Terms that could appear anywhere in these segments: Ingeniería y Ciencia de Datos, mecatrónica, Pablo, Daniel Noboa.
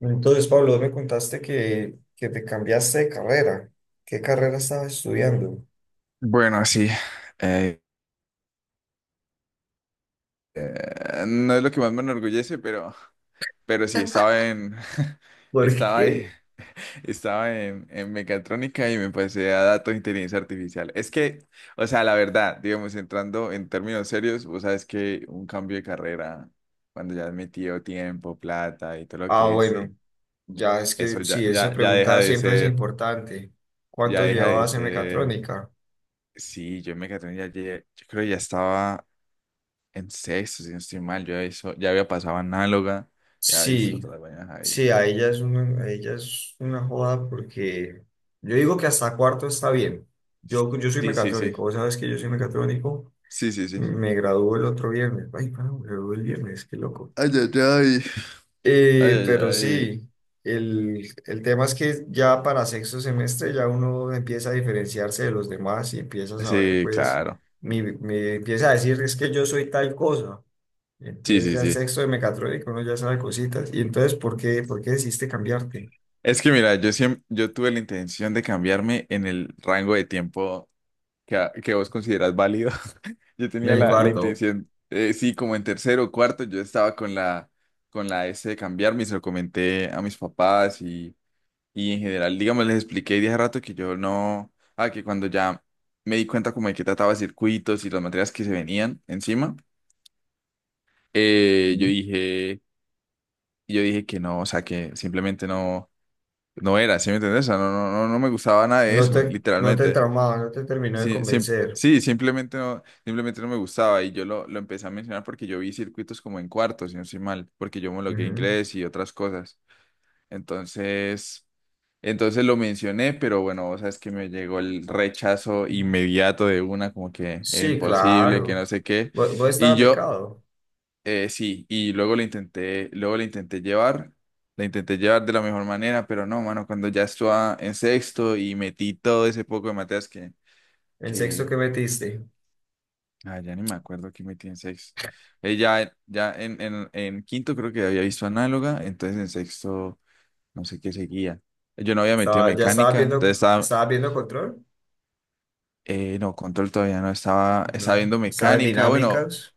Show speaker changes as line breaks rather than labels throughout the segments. Entonces, Pablo, vos me contaste que te cambiaste de carrera. ¿Qué carrera estabas estudiando?
Bueno, sí. eh, no es lo que más me enorgullece, pero sí, estaba en,
¿Por
estaba en,
qué?
estaba en mecatrónica y me pasé a datos de inteligencia artificial. Es que, o sea, la verdad, digamos, entrando en términos serios, vos sabes que un cambio de carrera, cuando ya has metido tiempo, plata y todo lo
Ah,
que es,
bueno, ya es
eso
que sí, esa pregunta siempre es importante.
ya
¿Cuánto
deja de
llevabas en
ser.
mecatrónica?
Sí, yo en mecatrónica, ya, yo creo que ya estaba en sexto, si no estoy mal, yo ya hizo, ya había pasado análoga, ya hizo
Sí,
otras vainas ahí.
sí, a ella es una joda porque yo digo que hasta cuarto está bien. Yo soy
Sí, sí, sí.
mecatrónico, vos sabes que yo soy mecatrónico,
Sí, sí, sí.
me gradué el otro viernes. Ay, para, me gradué el viernes, qué loco.
Ay, ay, ay.
Eh,
Ay,
pero
ay,
sí, el tema es que ya para sexto semestre ya uno empieza a diferenciarse de los demás y empieza a
ay.
saber,
Sí,
pues,
claro.
me empieza a decir, es que yo soy tal cosa.
Sí,
Entonces
sí,
ya en
sí.
sexto de mecatrónica uno ya sabe cositas. Y entonces, ¿por qué decidiste cambiarte?
Es que mira, yo siempre yo tuve la intención de cambiarme en el rango de tiempo que vos consideras válido. Yo
En
tenía
el
la
cuarto.
intención, sí, como en tercero o cuarto, yo estaba con la S de cambiarme y se lo comenté a mis papás. Y en general, digamos, les expliqué de hace rato que yo no, que cuando ya me di cuenta como de qué trataba circuitos y las materias que se venían encima, eh, yo
Ujú.
dije, yo dije que no, o sea, que simplemente no, no era. ¿Sí me entendés? O sea, no, no, no, no me gustaba nada de
No
eso,
te, no te
literalmente.
traumaba, no te terminó de
Sí,
convencer.
sí, simplemente no me gustaba y yo lo empecé a mencionar porque yo vi circuitos como en cuartos, si no estoy mal, porque yo homologué
Ujú.
inglés y otras cosas. Entonces, entonces, lo mencioné, pero bueno, vos sabes que me llegó el rechazo inmediato de una, como que era
Sí,
imposible, que
claro.
no sé qué.
Vos
Y
estabas
yo,
becado.
sí, y luego lo intenté, luego la intenté llevar, de la mejor manera, pero no, mano, cuando ya estaba en sexto y metí todo ese poco de materias
¿En sexto
que,
qué metiste?
ya ni me acuerdo que metí en sexto. Ya en quinto creo que había visto análoga, entonces en sexto no sé qué seguía. Yo no había metido
Estaba, ya
mecánica, entonces estaba,
estabas viendo control,
no, control todavía no, estaba,
¿no?
estaba viendo
Estabas en
mecánica, bueno,
dinámicas,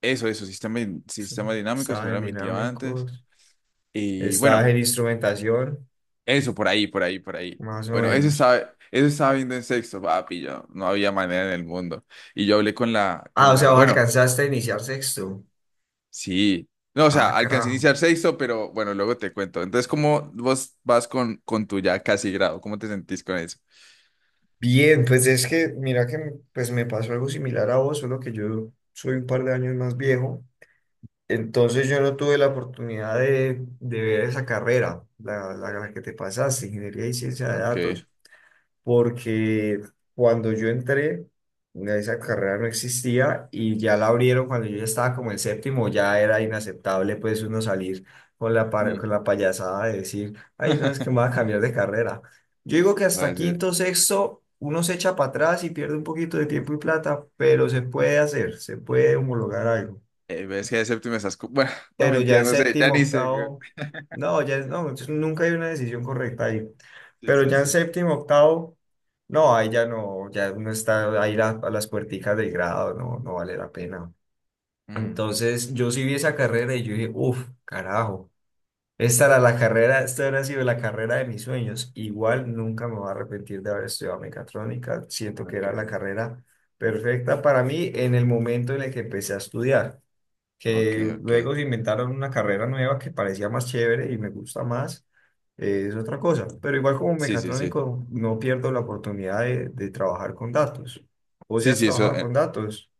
eso, sistemas dinámicos que
estabas
no
en
había metido antes,
dinámicos,
y
estabas
bueno,
en instrumentación,
eso, por ahí, por ahí, por ahí.
más o
Bueno, eso
menos.
estaba, eso estaba viendo en sexto, papi, yo, no había manera en el mundo. Y yo hablé
Ah, o sea, vos
bueno,
alcanzaste a iniciar sexto.
sí, no, o sea,
Ah,
alcancé a
carajo.
iniciar sexto, pero bueno, luego te cuento. Entonces, ¿cómo vos vas con tu ya casi grado? ¿Cómo te sentís con eso?
Bien, pues es que, mira que pues me pasó algo similar a vos, solo que yo soy un par de años más viejo. Entonces yo no tuve la oportunidad de ver esa carrera, la que te pasaste, Ingeniería y Ciencia de
Ok.
Datos. Porque cuando yo entré, esa carrera no existía y ya la abrieron cuando yo ya estaba como en séptimo, ya era inaceptable pues uno salir con la, par-
Mm.
con la payasada de decir, ay, no, es que me voy a cambiar de carrera. Yo digo que
Va a
hasta
decir,
quinto, sexto, uno se echa para atrás y pierde un poquito de tiempo y plata, pero se puede hacer, se puede homologar algo,
ves que séptima esas, bueno, no
pero
mentira,
ya
no sé, ya
séptimo,
ni sé, güey.
octavo, no, ya no, entonces nunca hay una decisión correcta ahí.
Sí,
Pero
sí,
ya en
sí.
séptimo, octavo, no, ahí ya no, ya no está ahí la- a las puerticas del grado, no, no vale la pena.
Mm.
Entonces yo sí vi esa carrera y yo dije, uff, carajo, esta era la carrera, esta hubiera sido la carrera de mis sueños. Igual nunca me voy a arrepentir de haber estudiado mecatrónica, siento que
Ok,
era la carrera perfecta para mí en el momento en el que empecé a estudiar,
ok,
que
ok.
luego se inventaron una carrera nueva que parecía más chévere y me gusta más. Es otra cosa. Pero igual como
Sí, sí, sí.
mecatrónico no pierdo la oportunidad de trabajar con datos. Vos ya
Sí,
has
sí, eso.
trabajado con datos.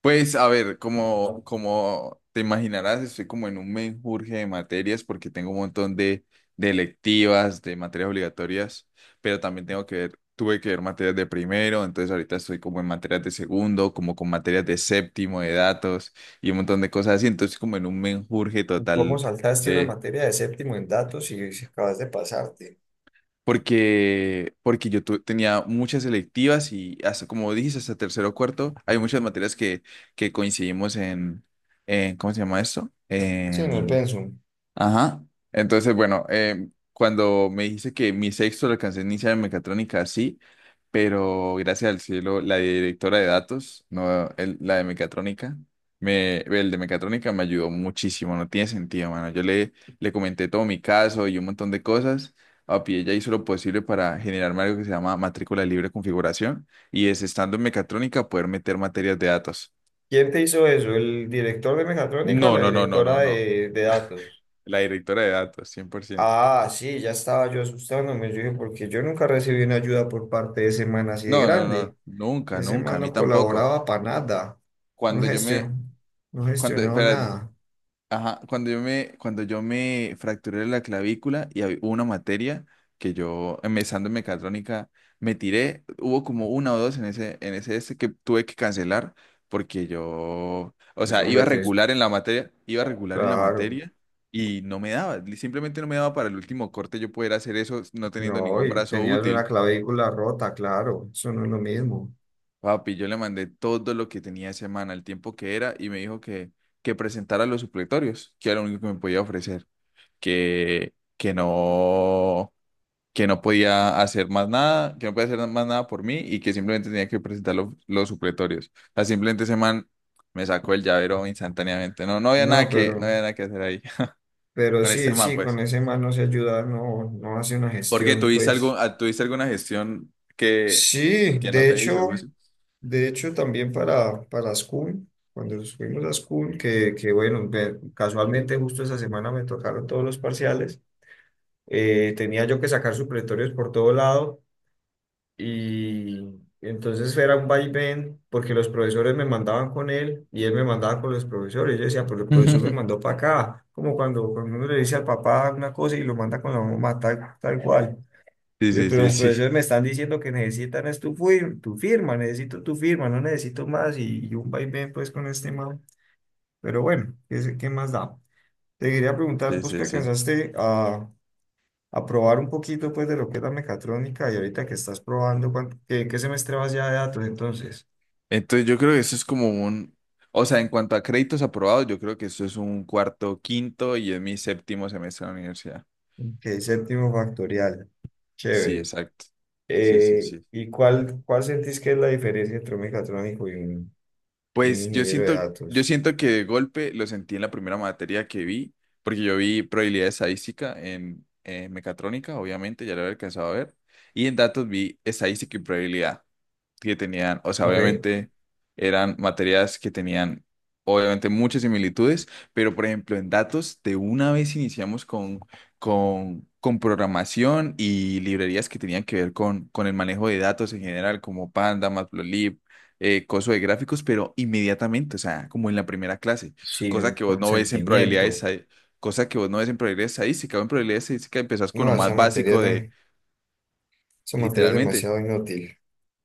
Pues a ver, como, como te imaginarás, estoy como en un menjurje de materias porque tengo un montón de electivas, de materias obligatorias, pero también tengo que ver, tuve que ver materias de primero, entonces ahorita estoy como en materias de segundo, como con materias de séptimo, de datos y un montón de cosas así, entonces como en un menjurje
¿Cómo
total
saltaste una materia de séptimo en datos y si acabas de pasarte?
porque yo tenía muchas electivas y hasta, como dijiste, hasta tercero o cuarto, hay muchas materias que coincidimos en, ¿cómo se llama esto?
Sí, en el pensum.
Ajá. Entonces, bueno, cuando me dijiste que mi sexto lo alcancé en ciencia de mecatrónica, sí, pero gracias al cielo, la directora de datos, no la de mecatrónica, el de mecatrónica me ayudó muchísimo, no tiene sentido, mano. Yo le, le comenté todo mi caso y un montón de cosas. Papi, ella hizo lo posible para generarme algo que se llama matrícula libre de configuración y es estando en mecatrónica poder meter materias de datos.
¿Quién te hizo eso? ¿El director de mecatrónica o
No,
la
no, no, no, no,
directora
no.
de datos?
La directora de datos, 100%.
Ah, sí, ya estaba yo asustándome. Yo dije, porque yo nunca recibí una ayuda por parte de ese man así de
No, no,
grande.
no, nunca,
Ese
nunca,
man
a mí
no
tampoco.
colaboraba para nada. No
Cuando yo me,
gestion, no
cuando,
gestionaba
espera,
nada.
ajá, cuando yo me fracturé la clavícula y hubo una materia que yo, empezando en mecatrónica, me tiré, hubo como una o dos en ese este que tuve que cancelar porque yo, o
Pues
sea,
hombre,
iba
te-
regular en la materia, iba regular en la
claro.
materia y no me daba, simplemente no me daba para el último corte yo poder hacer eso no teniendo
No,
ningún
y
brazo
tenías una
útil.
clavícula rota, claro. Eso no es lo mismo.
Papi, yo le mandé todo lo que tenía ese man, el tiempo que era, y me dijo que presentara los supletorios, que era lo único que me podía ofrecer, que, que no, que no podía hacer más nada, que no podía hacer más nada por mí y que simplemente tenía que presentar los supletorios. O sea, simplemente ese man me sacó el llavero instantáneamente. No, no había
No,
nada que, no había nada que hacer ahí.
pero
Con ese
sí,
man,
sí, con
pues.
ese man no se ayuda, no, no hace una
Porque
gestión,
tuviste
pues.
algo, tuviste alguna gestión
Sí,
que no te hizo algo así.
de hecho también para School, cuando nos fuimos a School, que bueno, ve- casualmente justo esa semana me tocaron todos los parciales. Tenía yo que sacar supletorios por todo lado y entonces era un vaivén porque los profesores me mandaban con él y él me mandaba con los profesores. Yo decía, pero el profesor me mandó para acá, como cuando, cuando uno le dice al papá una cosa y lo manda con la mamá tal, tal cual.
Sí,
Yo,
sí,
pero
sí,
los
sí,
profesores me están diciendo que necesitan es tu, fui- tu firma, necesito tu firma, no necesito más, y un vaivén pues con este man. Pero bueno, ¿qué, se- qué más da? Te quería preguntar,
sí,
¿vos que
sí, sí.
alcanzaste a probar un poquito pues de lo que es la mecatrónica y ahorita que estás probando, ¿cuánto- ¿qué, qué semestre vas ya de datos entonces?
Entonces yo creo que eso es como un, o sea, en cuanto a créditos aprobados, yo creo que eso es un cuarto, quinto y es mi séptimo semestre en la universidad.
Ok, séptimo factorial,
Sí,
chévere.
exacto. Sí, sí, sí.
¿Y cuál, cuál sentís que es la diferencia entre un mecatrónico y un
Pues yo
ingeniero de
siento,
datos?
que de golpe lo sentí en la primera materia que vi, porque yo vi probabilidad estadística en mecatrónica, obviamente, ya lo había alcanzado a ver, y en datos vi estadística y probabilidad. Que tenían, o sea,
Ok.
obviamente eran materias que tenían, obviamente, muchas similitudes, pero por ejemplo, en datos, de una vez iniciamos con programación y librerías que tenían que ver con el manejo de datos en general, como Panda, Matplotlib. Coso de gráficos, pero inmediatamente, o sea, como en la primera clase, cosa
Sin
que vos no ves en
consentimiento.
probabilidades, cosa que vos no ves en probabilidades estadísticas, o en probabilidades estadísticas empezás con lo
No, esa
más
materia es,
básico de,
dem- esa materia es
literalmente
demasiado inútil.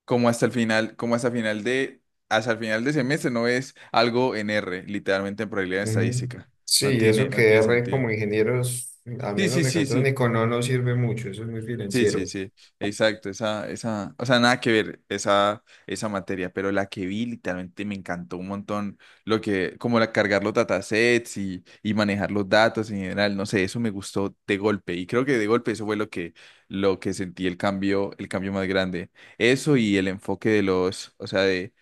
como hasta el final de, hasta el final de semestre no es algo en R, literalmente en probabilidad
Ujú.
estadística. No
Sí, eso
tiene, no
que
tiene
R
sentido.
como ingenieros, al
Sí,
menos
sí, sí, sí.
mecatrónico, no nos sirve mucho, eso es muy
Sí, sí,
financiero.
sí. Exacto. Esa, o sea, nada que ver esa materia. Pero la que vi literalmente me encantó un montón lo que, como la, cargar los datasets y manejar los datos en general. No sé, eso me gustó de golpe. Y creo que de golpe eso fue lo que sentí el cambio más grande. Eso y el enfoque de los, o sea,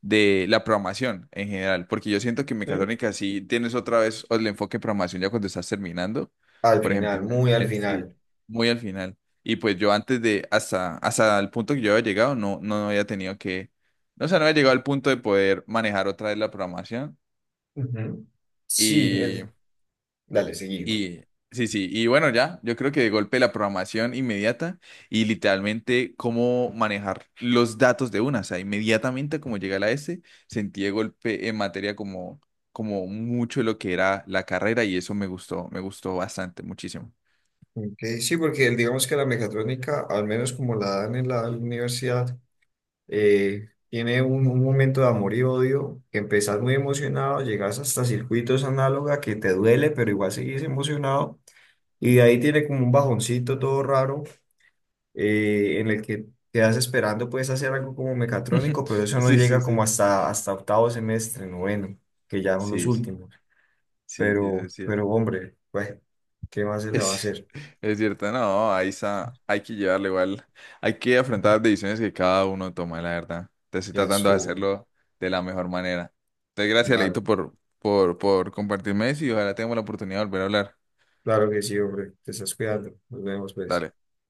de la programación en general, porque yo siento que en
Sí.
mecatrónica sí tienes otra vez el enfoque de programación ya cuando estás terminando,
Al
por
final,
ejemplo,
muy al
es, sí,
final.
muy al final. Y pues yo antes de, hasta el punto que yo había llegado, no, no había tenido que, no sé, no había llegado al punto de poder manejar otra vez la programación.
Ujú. Sí,
y
el... dale, seguido.
y sí, sí, y bueno, ya, yo creo que de golpe la programación inmediata y literalmente cómo manejar los datos de una, o sea, inmediatamente como llegué a la S, sentí de golpe en materia como mucho lo que era la carrera y eso me gustó bastante, muchísimo.
Ok, sí, porque el- digamos que la mecatrónica, al menos como la dan en la universidad, tiene un momento de amor y odio, que empezás muy emocionado, llegas hasta circuitos análoga que te duele, pero igual seguís emocionado, y de ahí tiene como un bajoncito todo raro, en el que quedas esperando, puedes hacer algo como mecatrónico, pero eso no
Sí, sí,
llega como
sí.
hasta, hasta octavo semestre, noveno, que ya son los
Sí, sí,
últimos.
sí, sí, sí, sí.
Pero hombre, bueno, ¿qué más se le va a
Es,
hacer?
es cierto, no, ahí está, hay que llevarle igual, hay que afrontar las decisiones que cada uno toma, la verdad. Te estoy
Ya
tratando de
estuvo.
hacerlo de la mejor manera. Entonces, gracias, Leito,
Dale.
por compartirme eso y ojalá tengamos la oportunidad de volver a hablar.
Claro que sí, hombre. Te estás cuidando. Nos vemos, pues.
Dale.